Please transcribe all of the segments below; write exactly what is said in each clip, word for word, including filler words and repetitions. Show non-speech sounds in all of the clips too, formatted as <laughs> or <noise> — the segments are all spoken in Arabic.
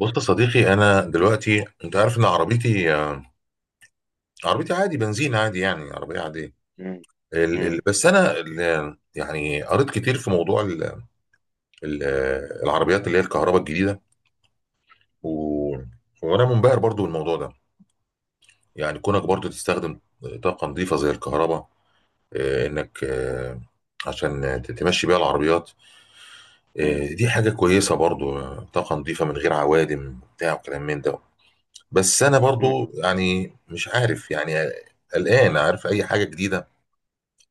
بص يا صديقي، انا دلوقتي انت عارف ان عربيتي عربيتي عادي، بنزين عادي، يعني عربيه عاديه. مم. ال... ال... مم. بس انا ال... يعني قريت كتير في موضوع ال... ال... العربيات اللي هي الكهرباء الجديده. و... وانا منبهر برضو بالموضوع ده. يعني كونك برضو تستخدم طاقه نظيفه زي الكهرباء، آه، انك، آه، عشان ت- تمشي بيها العربيات. مم. آه، دي حاجه كويسه برضو، آه، طاقه نظيفه من غير عوادم بتاع وكلام من ده. بس انا برضو مم. يعني مش عارف، يعني قلقان. عارف اي حاجه جديده،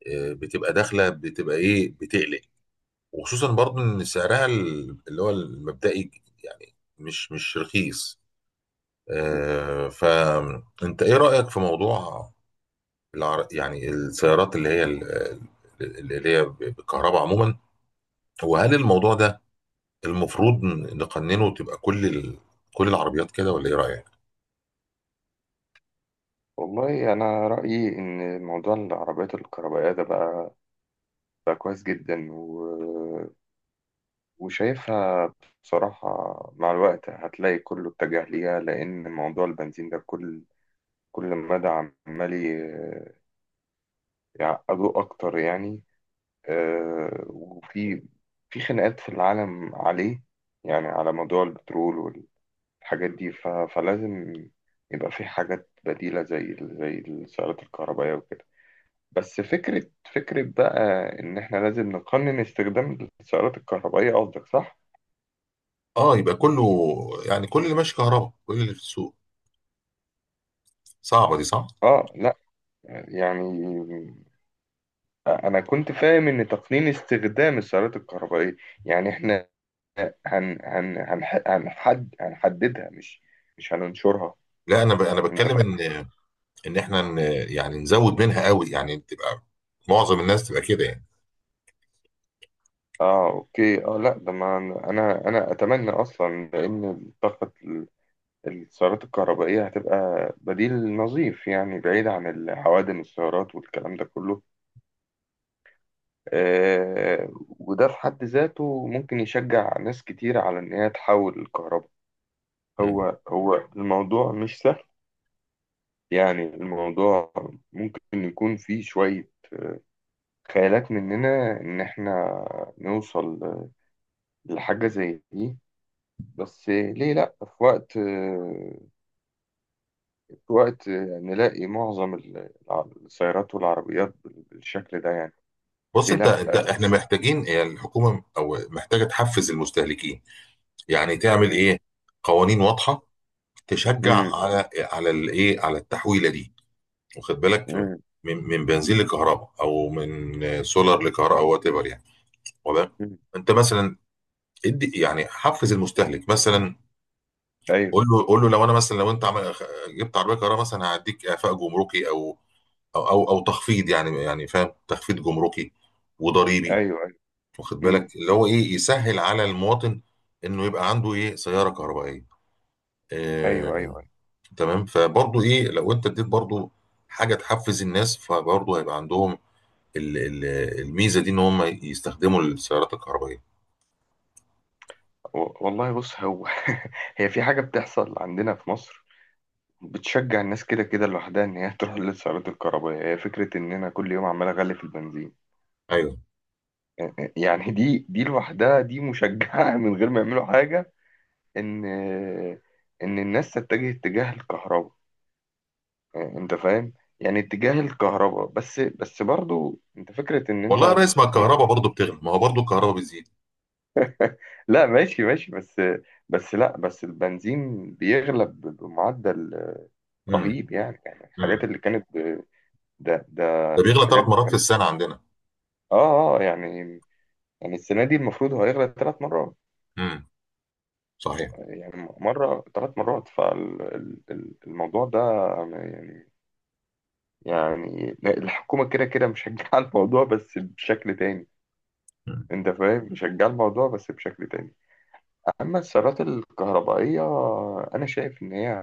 آه، بتبقى داخله، بتبقى ايه، بتقلق. وخصوصا برضو ان سعرها ال- اللي هو المبدئي، يعني مش مش رخيص. آه، فانت ايه رايك في موضوع العر... يعني السيارات اللي هي ال- ال- اللي هي بالكهرباء عموما؟ وهل الموضوع ده المفروض نقننه، تبقى كل ال... كل العربيات كده، ولا ايه رايك؟ والله أنا رأيي إن موضوع العربيات الكهربائية ده بقى بقى كويس جدا و... وشايفها بصراحة مع الوقت هتلاقي كله اتجه ليها، لأن موضوع البنزين ده كل كل مدى عمال ي- يعقدوه أكتر يعني. آه، وفي في خناقات في العالم عليه، يعني على موضوع البترول، الحاجات دي ف... فلازم يبقى في حاجات بديلة، زي ال- زي السيارات الكهربائية وكده. بس فكرة فكرة بقى، إن إحنا لازم نقنن استخدام السيارات الكهربائية، قصدك صح؟ اه، يبقى كله، يعني كل اللي ماشي كهرباء، كل اللي في السوق. صعبه دي، صح؟ آه لأ، يعني أنا كنت فاهم إن تقنين استخدام السيارات الكهربائية يعني إحنا هن هن هنح- هنحد هنحددها، مش مش هننشرها. لا، انا ب... انا أنت بتكلم ان فاهم؟ ان احنا ن... يعني نزود منها قوي، يعني تبقى معظم الناس تبقى كده يعني. اه، اوكي، اه، لا ده ما انا انا اتمنى اصلا، لان الطاقه السيارات الكهربائية هتبقى بديل نظيف، يعني بعيد عن العوادم السيارات والكلام ده كله. آه، وده في حد ذاته ممكن يشجع ناس كتير على إن هي تحول الكهرباء. مم. هو هو الموضوع مش سهل، يعني الموضوع ممكن يكون فيه شوية خيالات مننا إن إحنا نوصل لحاجة زي دي. بس ليه لأ، في وقت في وقت نلاقي معظم السيارات والعربيات بالشكل ده يعني. بص، ليه انت لا، انت احنا بس. محتاجين، هي الحكومه او محتاجه تحفز المستهلكين. يعني تعمل مم. ايه، قوانين واضحه تشجع مم. على على الايه، على التحويله دي. واخد بالك؟ مم. من من بنزين لكهرباء، او من سولار لكهرباء، او وات ايفر يعني. واخد بالك؟ مم. انت مثلا، ادي يعني حفز المستهلك مثلا. ايوه قول له قول له، لو انا مثلا، لو انت عمل، جبت عربيه كهرباء مثلا هعديك اعفاء جمركي، او او او, أو تخفيض، يعني يعني فاهم، تخفيض جمركي وضريبي. ايوه ايوه. واخد مم. بالك اللي هو ايه، يسهل على المواطن انه يبقى عنده ايه، سياره كهربائيه. ايوه ايوه آه. ايوه. تمام، فبرضه ايه، لو انت اديت برضه حاجه تحفز الناس، فبرضه هيبقى عندهم ال- ال- الميزه دي، ان هم يستخدموا السيارات الكهربائيه. و- والله بص هو، <laughs> هي في حاجه بتحصل عندنا في مصر بتشجع الناس كده كده لوحدها، ان هي <laughs> تروح للسيارات الكهربائيه. هي فكره، ان انا كل يوم عمال اغلي في البنزين. ايوه. يعني دي دي لوحدها دي مشجعه <laughs> من غير ما يعملوا حاجه، ان ان الناس تتجه اتجاه الكهرباء. انت فاهم؟ يعني اتجاه الكهرباء، بس بس برضو انت فكره ان والله يا انت. ريس، ما الكهرباء برضه بتغلى، ما هو برضه الكهرباء بتزيد. لا، ماشي ماشي، بس بس لا، بس البنزين بيغلى ب- بمعدل امم رهيب. يعني يعني الحاجات امم اللي كانت ب- ده ده ده بيغلى ثلاث الحاجات مرات في كانت. السنه عندنا. اه اه، يعني يعني السنة دي المفروض هو هيغلى ثلاث مرات. امم صحيح. يعني مرة، ثلاث مرات، فالموضوع ده. يعني يعني الحكومة كده كده مشجعة الموضوع بس بشكل تاني. مم. انت فاهم؟ مشجعة الموضوع بس بشكل تاني. اما السيارات الكهربائية، انا شايف ان هي،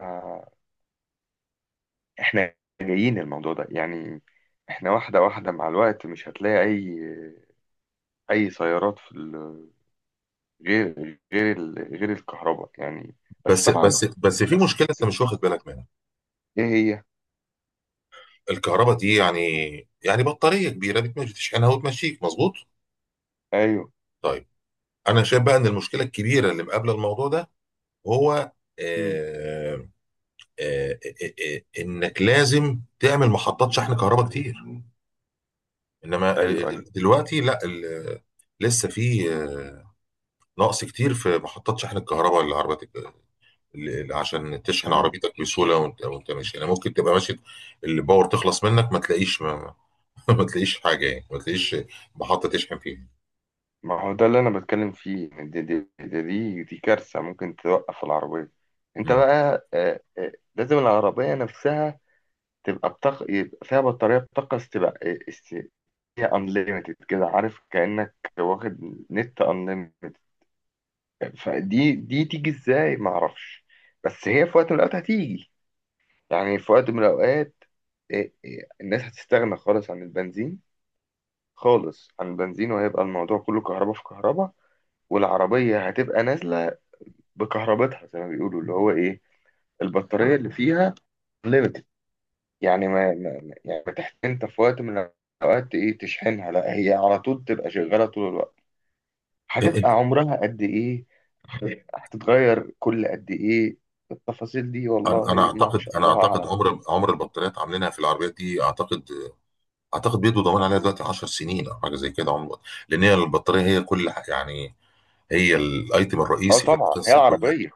احنا جايين الموضوع ده يعني. احنا واحدة واحدة مع الوقت، مش هتلاقي أي أي سيارات في ال- غير غير ال- غير الكهرباء يعني. بس بس طبعا. بس بس في مشكله انت مش واخد بالك منها، إيه هي؟ الكهرباء دي يعني، يعني بطاريه كبيره بتمشي، تشحنها وتمشيك مظبوط. أيوه. طيب، انا شايف بقى ان المشكله الكبيره اللي مقابله الموضوع ده هو، مم. آه آه آه آه انك لازم تعمل محطات شحن كهرباء كتير. انما أيوه ال- أيوه. ال- دلوقتي لا، ال- لسه في، آه، نقص كتير في محطات شحن الكهرباء للعربيات، ل- عشان تشحن مم. عربيتك بسهوله وانت وانت ماشي. يعني ممكن تبقى ماشي، الباور تخلص منك، ما, تلاقيش ما, <laughs> ما تلاقيش حاجه، يعني ما تلاقيش محطه تشحن فيها. ما هو ده اللي أنا بتكلم فيه، دي دي دي, دي, دي كارثة ممكن توقف العربية. أنت مم. بقى آه، آه، لازم العربية نفسها تبقى بطاقة، يبقى فيها بطارية بطاقة استباق، هي unlimited كده، عارف، كأنك واخد نت unlimited. فدي دي تيجي ازاي ما اعرفش، بس هي في وقت من الاوقات هتيجي، يعني في وقت من الاوقات. إيه إيه الناس هتستغنى خالص عن البنزين، خالص عن البنزين، وهيبقى الموضوع كله كهرباء في كهرباء، والعربية هتبقى نازلة بكهربتها زي ما بيقولوا، اللي هو ايه، البطارية اللي فيها unlimited. يعني ما ما- يعني ما يعني تحت، انت في وقت من الاوقات ايه تشحنها، لا هي على طول تبقى شغالة طول الوقت. هتبقى انت عمرها قد ايه، هتتغير كل قد ايه، التفاصيل دي انا، أنا والله ما اعتقد شاء انا الله اعتقد اعلم. عمر عمر البطاريات عاملينها في العربيات دي، اعتقد اعتقد بيدوا ضمان عليها دلوقتي عشر سنين او حاجه زي كده. عمر، لان هي البطاريه هي كل ح- يعني هي الايتم اه الرئيسي في طبعا هي القصه كلها. العربيه،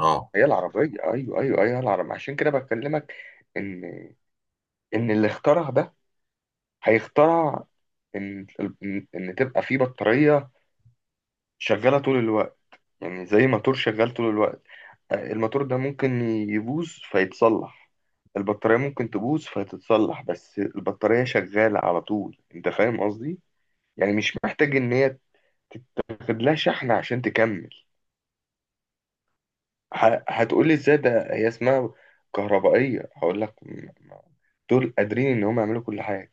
اه، هي العربيه، ايوه ايوه ايوه، هي العربيه عشان كده بكلمك. ان ان اللي اخترع ده هيخترع، ان ان إن تبقى في بطاريه شغاله طول الوقت. يعني زي موتور شغال طول الوقت، آه، الموتور ده ممكن يبوظ فيتصلح، البطاريه ممكن تبوظ فتتصلح، بس البطاريه شغاله على طول. انت فاهم قصدي؟ يعني مش محتاج ان هي تاخد لها شحن عشان تكمل. ه- هتقولي ازاي ده هي اسمها كهربائية، هقول لك م- م- دول قادرين ان هم يعملوا كل حاجة.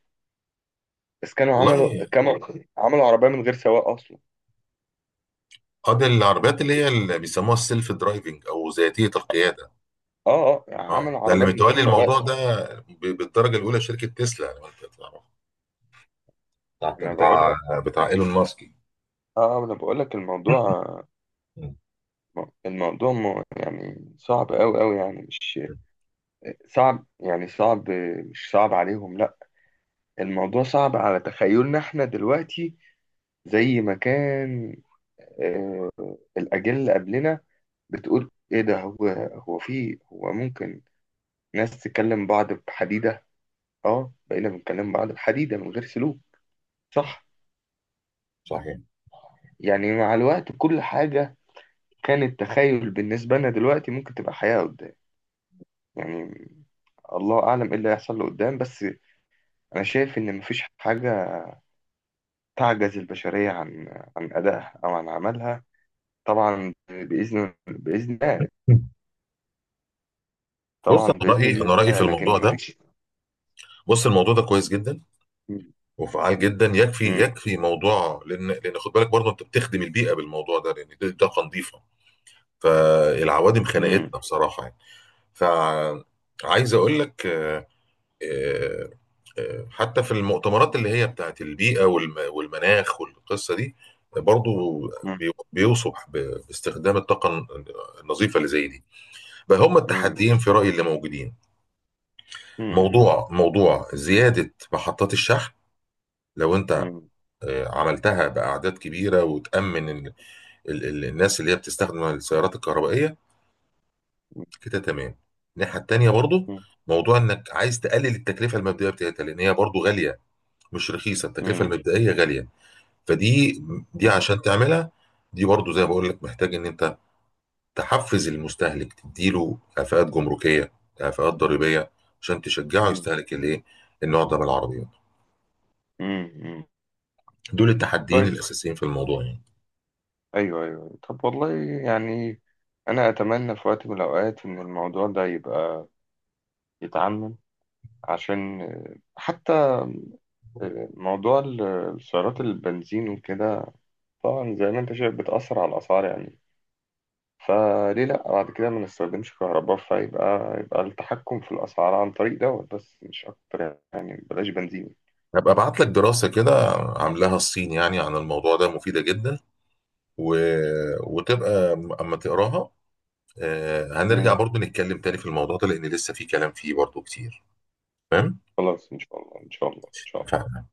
بس كانوا عملوا، والله. كانوا عملوا عربية من غير سواق اصلا. اه، دي العربيات اللي هي اللي بيسموها السيلف درايفنج او ذاتيه القياده. اه اه، اه، عملوا ده اللي عربية من غير متولي سواق. الموضوع ده ب- بالدرجه الاولى شركه تسلا، لو انت تعرف بتاع انا بقول بتاع لك، بتاع ايلون ماسك. اه، آه، انا بقول لك الموضوع، مم. الموضوع م- يعني صعب قوي قوي يعني، مش صعب، يعني صعب، مش صعب عليهم لا، الموضوع صعب على تخيلنا احنا دلوقتي. زي ما كان آه، الأجيال اللي قبلنا بتقول إيه ده، هو هو في، هو ممكن ناس تكلم بعض بحديدة. أه، بقينا بنكلم بعض بحديدة من غير سلوك، صح؟ صحيح. يعني مع الوقت كل حاجة كانت تخيل بالنسبة لنا دلوقتي ممكن تبقى حياة قدام يعني. الله أعلم إيه اللي هيحصل له قدام، بس أنا شايف إن مفيش حاجة تعجز البشرية عن عن أدائها أو عن عملها، طبعا بإذن بإذن الله. مم. بص، طبعا انا بإذن رايي انا الله، رايي في الموضوع لكن ده، مفيش. بص، الموضوع ده كويس جدا مم. وفعال جدا. يكفي مم. يكفي موضوع، لان لان خد بالك برضه، انت بتخدم البيئه بالموضوع ده، لان دي طاقه نظيفه. فالعوادم خنقتنا بصراحه يعني. فعايز اقول لك، آه، آه، حتى في المؤتمرات اللي هي بتاعت البيئة والم- والمناخ والقصة دي، برضو مم. بي- بيوصف ب- باستخدام الطاقة الن- النظيفة اللي زي دي. فهم مم. التحديين في رأيي اللي موجودين: مم. موضوع موضوع زيادة محطات الشحن، لو انت مم. آه، عملتها بأعداد كبيرة وتأمن ال- ال- ال- الناس اللي هي بتستخدم السيارات الكهربائية، مم. كده تمام. الناحية التانية برضو، موضوع انك عايز تقلل التكلفة المبدئية بتاعتها، لان هي برضو غالية، مش رخيصه، التكلفه مم. المبدئيه غاليه. فدي، دي مم. عشان تعملها، دي برضو زي ما بقول لك، محتاج ان انت تحفز المستهلك، تديله كفاءات جمركيه، كفاءات ضريبيه، عشان تشجعه يستهلك الايه، النوع ده من العربيات. مم. مم. دول التحديين كويس. الاساسيين في الموضوع يعني. أيوه أيوه أيوه. طب والله، يعني أنا أتمنى في وقت من الأوقات إن الموضوع ده يبقى يتعمم، عشان آه، حتى، آه، موضوع ال- السيارات البنزين وكده، طبعا زي ما أنت شايف بتأثر على الأسعار يعني. فليه لأ بعد كده ما نستخدمش كهرباء، فيبقى يبقى التحكم في الأسعار عن طريق دوت بس، مش أكتر يعني، بلاش بنزين. هبقى ابعت لك دراسه كده عاملاها الصين يعني عن الموضوع ده، مفيده جدا. و... وتبقى اما تقراها، آه، هنرجع برضو نتكلم تاني في الموضوع ده، لان لسه في كلام فيه برضو كتير. تمام، خلاص، إن شاء الله إن شاء الله إن شاء الله. اتفقنا.